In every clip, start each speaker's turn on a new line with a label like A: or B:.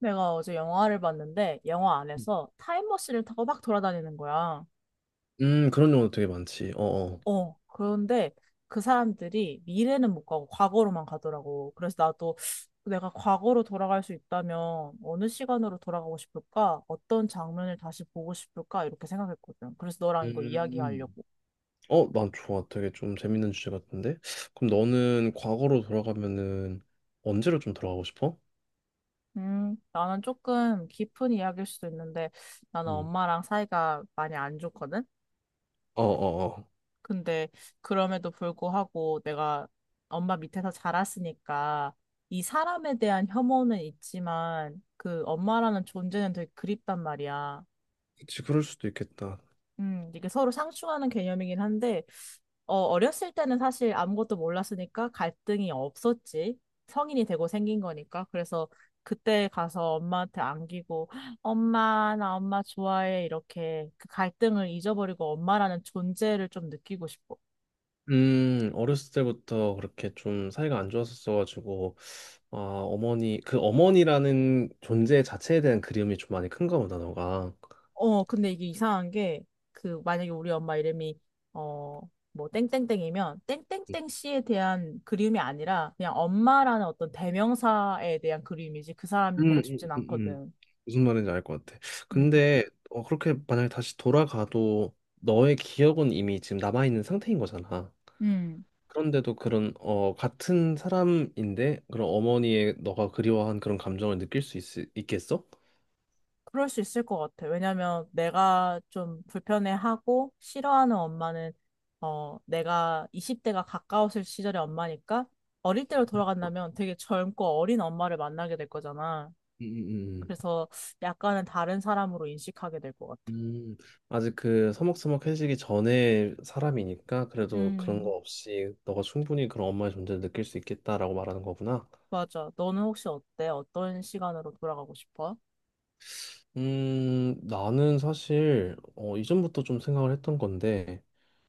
A: 내가 어제 영화를 봤는데 영화 안에서 타임머신을 타고 막 돌아다니는 거야.
B: 그런 경우도 되게 많지. 어어.
A: 그런데 그 사람들이 미래는 못 가고 과거로만 가더라고. 그래서 나도 내가 과거로 돌아갈 수 있다면 어느 시간으로 돌아가고 싶을까? 어떤 장면을 다시 보고 싶을까? 이렇게 생각했거든. 그래서 너랑 이거
B: 음.
A: 이야기하려고.
B: 난 좋아. 되게 좀 재밌는 주제 같은데. 그럼 너는 과거로 돌아가면은 언제로 좀 돌아가고 싶어?
A: 나는 조금 깊은 이야기일 수도 있는데 나는
B: 음.
A: 엄마랑 사이가 많이 안 좋거든.
B: 어어어.
A: 근데 그럼에도 불구하고 내가 엄마 밑에서 자랐으니까 이 사람에 대한 혐오는 있지만 그 엄마라는 존재는 되게 그립단 말이야.
B: 그치, 그럴 수도 있겠다.
A: 이게 서로 상충하는 개념이긴 한데, 어렸을 때는 사실 아무것도 몰랐으니까 갈등이 없었지. 성인이 되고 생긴 거니까. 그래서 그때 가서 엄마한테 안기고, 엄마, 나 엄마 좋아해. 이렇게 그 갈등을 잊어버리고 엄마라는 존재를 좀 느끼고 싶어.
B: 어렸을 때부터 그렇게 좀 사이가 안 좋았었어가지고, 아, 어머니, 그 어머니라는 존재 자체에 대한 그리움이 좀 많이 큰가 보다, 너가.
A: 근데 이게 이상한 게, 그, 만약에 우리 엄마 이름이, 어, 뭐, 땡땡땡이면, 땡땡땡 씨에 대한 그리움이 아니라, 그냥 엄마라는 어떤 대명사에 대한 그리움이지, 그 사람이
B: 음,
A: 보고
B: 음,
A: 싶진
B: 음, 음.
A: 않거든.
B: 무슨 말인지 알 것 같아.
A: 음,
B: 근데 그렇게 만약에 다시 돌아가도 너의 기억은 이미 지금 남아있는 상태인 거잖아.
A: 음,
B: 그런데도 그런 같은 사람인데 그런 어머니의 너가 그리워한 그런 감정을 느낄 수 있겠어?
A: 그럴 수 있을 것 같아. 왜냐면, 내가 좀 불편해하고, 싫어하는 엄마는, 내가 20대가 가까웠을 시절의 엄마니까, 어릴 때로 돌아간다면 되게 젊고 어린 엄마를 만나게 될 거잖아.
B: 음, 음, 음.
A: 그래서 약간은 다른 사람으로 인식하게 될 것 같아.
B: 음, 음, 아직 그 서먹서먹해지기 전에 사람이니까 그래도 그런 거
A: 음,
B: 없이 너가 충분히 그런 엄마의 존재를 느낄 수 있겠다라고 말하는 거구나.
A: 맞아. 너는 혹시 어때? 어떤 시간으로 돌아가고 싶어?
B: 나는 사실 이전부터 좀 생각을 했던 건데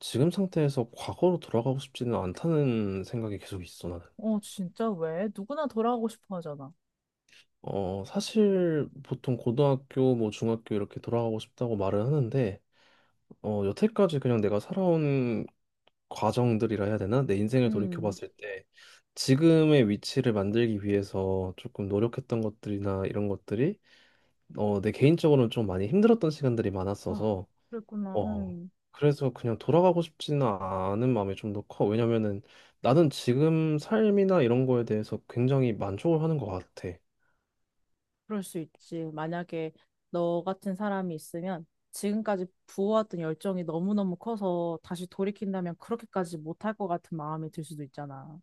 B: 지금 상태에서 과거로 돌아가고 싶지는 않다는 생각이 계속 있어 나는.
A: 진짜 왜? 누구나 돌아가고 싶어 하잖아.
B: 사실 보통 고등학교 뭐 중학교 이렇게 돌아가고 싶다고 말을 하는데 여태까지 그냥 내가 살아온 과정들이라 해야 되나? 내 인생을 돌이켜
A: 음,
B: 봤을 때 지금의 위치를 만들기 위해서 조금 노력했던 것들이나 이런 것들이 내 개인적으로는 좀 많이 힘들었던 시간들이
A: 아,
B: 많았어서
A: 그랬구나.
B: 어, 그래서 그냥 돌아가고 싶지는 않은 마음이 좀 더 커. 왜냐면은 나는 지금 삶이나 이런 거에 대해서 굉장히 만족을 하는 것 같아.
A: 그럴 수 있지. 만약에 너 같은 사람이 있으면 지금까지 부어왔던 열정이 너무너무 커서 다시 돌이킨다면 그렇게까지 못할 것 같은 마음이 들 수도 있잖아.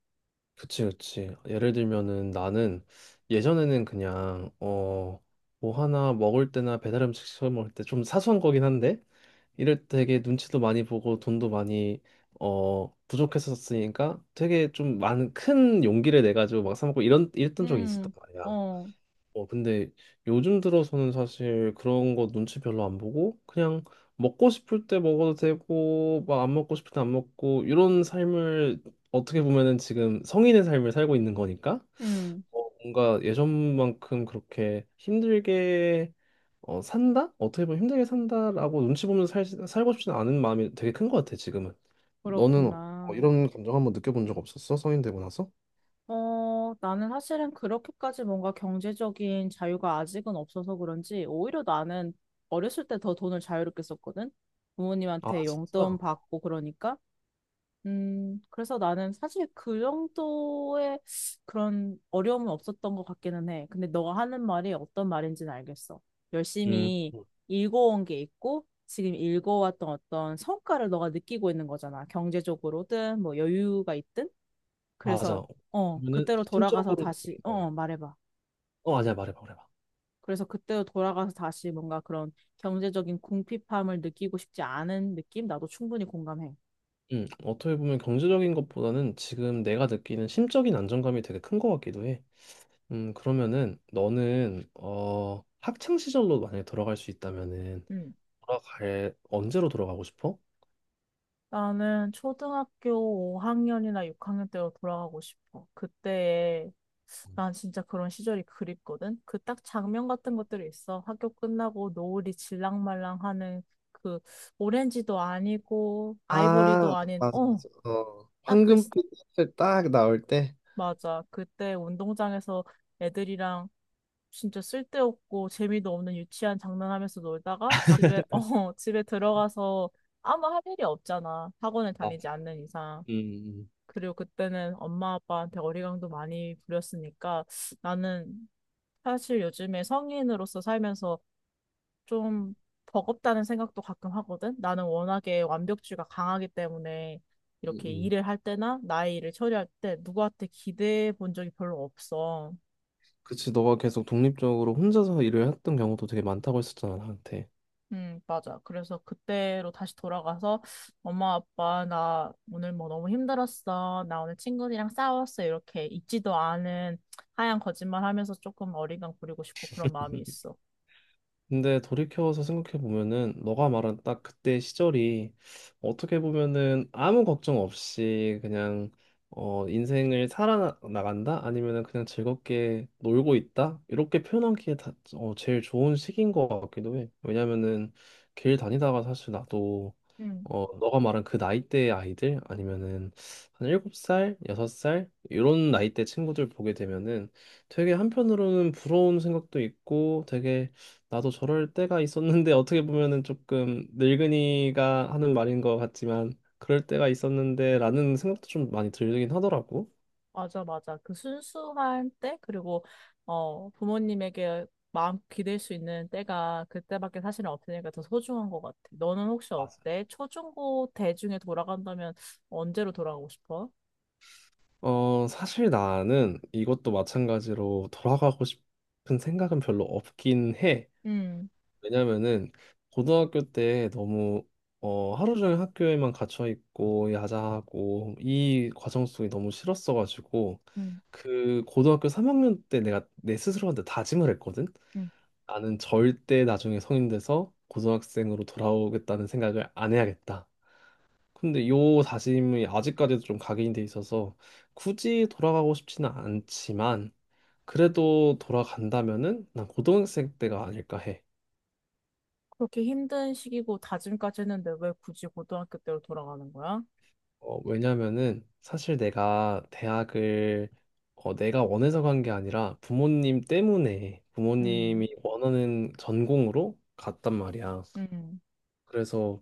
B: 그치, 그치. 예를 들면은 나는 예전에는 그냥, 뭐 하나 먹을 때나 배달 음식 시켜 먹을 때 좀 사소한 거긴 한데, 이럴 때 되게 눈치도 많이 보고 돈도 많이, 부족했었으니까 되게 좀 많은 큰 용기를 내가지고 막 사 먹고 이런, 이랬던 적이
A: 음,
B: 있었단 말이야.
A: 어,
B: 근데 요즘 들어서는 사실 그런 거 눈치 별로 안 보고 그냥 먹고 싶을 때 먹어도 되고 막 안 먹고 싶을 때 안 먹고 이런 삶을 어떻게 보면은 지금 성인의 삶을 살고 있는 거니까
A: 음,
B: 뭔가 예전만큼 그렇게 힘들게 산다? 어떻게 보면 힘들게 산다라고 눈치 보면서 살고 싶지는 않은 마음이 되게 큰 것 같아 지금은. 너는
A: 그렇구나.
B: 이런 감정 한번 느껴본 적 없었어? 성인 되고 나서?
A: 나는 사실은 그렇게까지 뭔가 경제적인 자유가 아직은 없어서 그런지 오히려 나는 어렸을 때 더 돈을 자유롭게 썼거든.
B: 아
A: 부모님한테
B: 진짜?
A: 용돈 받고 그러니까. 그래서 나는 사실 그 정도의 그런 어려움은 없었던 것 같기는 해. 근데 너가 하는 말이 어떤 말인지는 알겠어.
B: 음.
A: 열심히 읽어온 게 있고 지금 읽어왔던 어떤 성과를 너가 느끼고 있는 거잖아. 경제적으로든 뭐 여유가 있든. 그래서
B: 맞아. 그러면은
A: 그때로 돌아가서
B: 심적으로
A: 다시
B: 어,
A: 말해봐.
B: 아니야 말해봐 말해봐.
A: 그래서 그때로 돌아가서 다시 뭔가 그런 경제적인 궁핍함을 느끼고 싶지 않은 느낌 나도 충분히 공감해.
B: 어떻게 보면 경제적인 것보다는 지금 내가 느끼는 심적인 안정감이 되게 큰 것 같기도 해. 그러면은 너는 학창 시절로 만약에 돌아갈 수 있다면은
A: 음.
B: 돌아갈 언제로 돌아가고 싶어?
A: 나는 초등학교 5학년이나 6학년 때로 돌아가고 싶어. 그때에 난 진짜 그런 시절이 그립거든. 그 딱 장면 같은 것들이 있어. 학교 끝나고 노을이 질랑말랑하는 그 오렌지도 아니고 아이보리도
B: 아,
A: 아닌
B: 맞아, 맞아.
A: 딱그
B: 황금빛을 딱 나올 때.
A: 맞아. 그때 운동장에서 애들이랑 진짜 쓸데없고 재미도 없는 유치한 장난하면서 놀다가 집에, 집에 들어가서 아무 할 일이 없잖아. 학원을
B: 아,
A: 다니지 않는 이상.
B: 음,
A: 그리고 그때는 엄마 아빠한테 어리광도 많이 부렸으니까 나는 사실 요즘에 성인으로서 살면서 좀 버겁다는 생각도 가끔 하거든. 나는 워낙에 완벽주의가 강하기 때문에 이렇게
B: 음.
A: 일을 할 때나 나의 일을 처리할 때 누구한테 기대해 본 적이 별로 없어.
B: 그치, 너가 계속 독립적으로 혼자서 일을 했던 경우도 되게 많다고 했었잖아, 나한테.
A: 맞아. 그래서 그때로 다시 돌아가서 엄마, 아빠, 나 오늘 뭐 너무 힘들었어. 나 오늘 친구들이랑 싸웠어. 이렇게 있지도 않은 하얀 거짓말 하면서 조금 어리광 부리고 싶고 그런 마음이 있어.
B: 근데 돌이켜서 생각해 보면은 너가 말한 딱 그때 시절이 어떻게 보면은 아무 걱정 없이 그냥 인생을 살아나간다 아니면은 그냥 즐겁게 놀고 있다 이렇게 표현하기에 다, 어, 제일 좋은 시기인 것 같기도 해. 왜냐면은 길 다니다가 사실 나도
A: 음.
B: 너가 말한 그 나이대의 아이들 아니면은 한 7살 6살 이런 나이대 친구들 보게 되면은 되게 한편으로는 부러운 생각도 있고 되게 나도 저럴 때가 있었는데 어떻게 보면은 조금 늙은이가 하는 말인 것 같지만 그럴 때가 있었는데 라는 생각도 좀 많이 들긴 하더라고.
A: 맞아, 맞아. 그 순수한 때, 그리고, 부모님에게 마음 기댈 수 있는 때가 그때밖에 사실은 없으니까 더 소중한 것 같아. 너는 혹시
B: 맞아.
A: 어때? 초중고 대중에 돌아간다면 언제로 돌아가고 싶어?
B: 사실 나는 이것도 마찬가지로 돌아가고 싶은 생각은 별로 없긴 해.
A: 음,
B: 왜냐면은 고등학교 때 너무 하루 종일 학교에만 갇혀 있고 야자하고 이 과정 속이 너무 싫었어가지고
A: 음,
B: 그 고등학교 3학년 때 내가 내 스스로한테 다짐을 했거든.
A: 음.
B: 나는 절대 나중에 성인 돼서 고등학생으로 돌아오겠다는 생각을 안 해야겠다. 근데 요 다짐이 아직까지도 좀 각인이 돼 있어서 굳이 돌아가고 싶지는 않지만 그래도 돌아간다면은 난 고등학생 때가 아닐까 해.
A: 그렇게 힘든 시기고 다짐까지 했는데 왜 굳이 고등학교 때로 돌아가는 거야?
B: 왜냐면은 사실 내가 대학을 내가 원해서 간 게 아니라 부모님 때문에
A: 음,
B: 부모님이 원하는 전공으로 갔단 말이야.
A: 음.
B: 그래서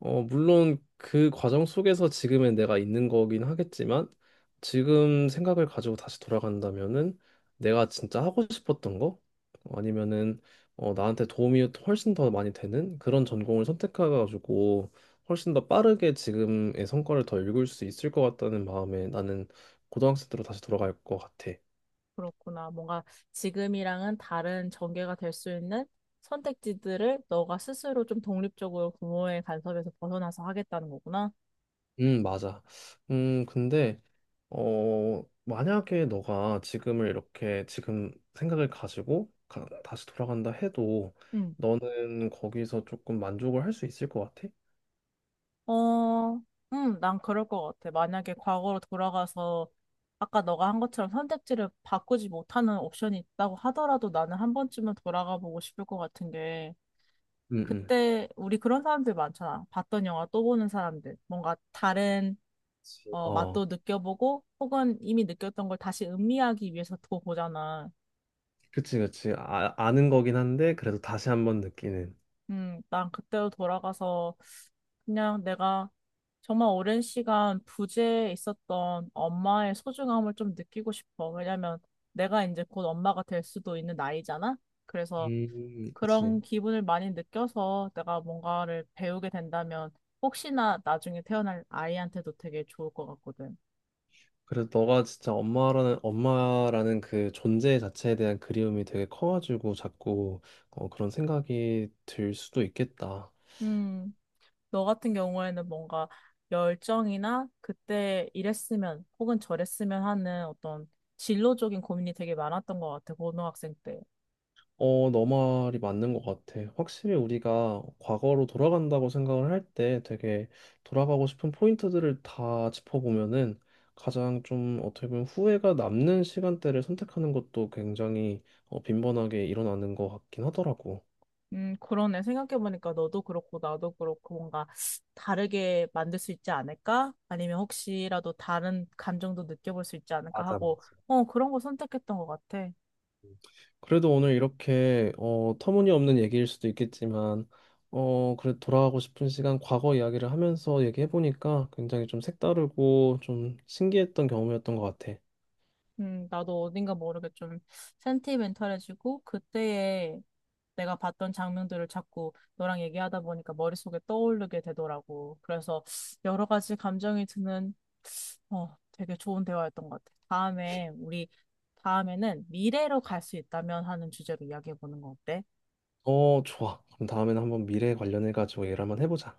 B: 물론 그 과정 속에서 지금의 내가 있는 거긴 하겠지만 지금 생각을 가지고 다시 돌아간다면은 내가 진짜 하고 싶었던 거 아니면은 나한테 도움이 훨씬 더 많이 되는 그런 전공을 선택해가지고 훨씬 더 빠르게 지금의 성과를 더 읽을 수 있을 것 같다는 마음에 나는 고등학생 때로 다시 돌아갈 것 같아.
A: 그렇구나. 뭔가 지금이랑은 다른 전개가 될 수 있는 선택지들을 너가 스스로 좀 독립적으로 부모의 간섭에서 벗어나서 하겠다는 거구나.
B: 맞아. 근데 만약에 너가 지금을 이렇게 지금 생각을 가지고 다시 돌아간다 해도
A: 응.
B: 너는 거기서 조금 만족을 할 수 있을 것 같아?
A: 어, 난 그럴 것 같아. 만약에 과거로 돌아가서 아까 너가 한 것처럼 선택지를 바꾸지 못하는 옵션이 있다고 하더라도 나는 한 번쯤은 돌아가 보고 싶을 것 같은 게
B: 응, 응.
A: 그때 우리 그런 사람들 많잖아. 봤던 영화 또 보는 사람들. 뭔가 다른
B: 그치.
A: 맛도 느껴보고 혹은 이미 느꼈던 걸 다시 음미하기 위해서 더 보잖아.
B: 그치, 그치. 아, 아는 거긴 한데 그래도 다시 한번 느끼는.
A: 난 그때로 돌아가서 그냥 내가 정말 오랜 시간 부재에 있었던 엄마의 소중함을 좀 느끼고 싶어. 왜냐면 내가 이제 곧 엄마가 될 수도 있는 나이잖아. 그래서
B: 그치.
A: 그런 기분을 많이 느껴서 내가 뭔가를 배우게 된다면 혹시나 나중에 태어날 아이한테도 되게 좋을 것 같거든.
B: 그래서 너가 진짜 엄마라는 그 존재 자체에 대한 그리움이 되게 커가지고 자꾸 그런 생각이 들 수도 있겠다.
A: 음. 너 같은 경우에는 뭔가 열정이나 그때 이랬으면 혹은 저랬으면 하는 어떤 진로적인 고민이 되게 많았던 것 같아, 고등학생 때.
B: 너 말이 맞는 것 같아. 확실히 우리가 과거로 돌아간다고 생각을 할 때 되게 돌아가고 싶은 포인트들을 다 짚어보면은 가장 좀 어떻게 보면 후회가 남는 시간대를 선택하는 것도 굉장히 빈번하게 일어나는 것 같긴 하더라고.
A: 그러네. 생각해보니까 너도 그렇고 나도 그렇고 뭔가 다르게 만들 수 있지 않을까? 아니면 혹시라도 다른 감정도 느껴볼 수 있지 않을까
B: 맞아, 맞아.
A: 하고, 그런 거 선택했던 것 같아.
B: 음. 그래도 오늘 이렇게 터무니없는 얘기일 수도 있겠지만 그래 돌아가고 싶은 시간 과거 이야기를 하면서 얘기해보니까 굉장히 좀 색다르고 좀 신기했던 경험이었던 것 같아.
A: 나도 어딘가 모르게 좀 센티멘탈해지고 그때의 내가 봤던 장면들을 자꾸 너랑 얘기하다 보니까 머릿속에 떠오르게 되더라고. 그래서 여러 가지 감정이 드는 되게 좋은 대화였던 것 같아. 다음에 우리 다음에는 미래로 갈 수 있다면 하는 주제로 이야기해 보는 거 어때?
B: 좋아. 그럼 다음에는 한번 미래 관련해 가지고 얘기를 한번 해보자.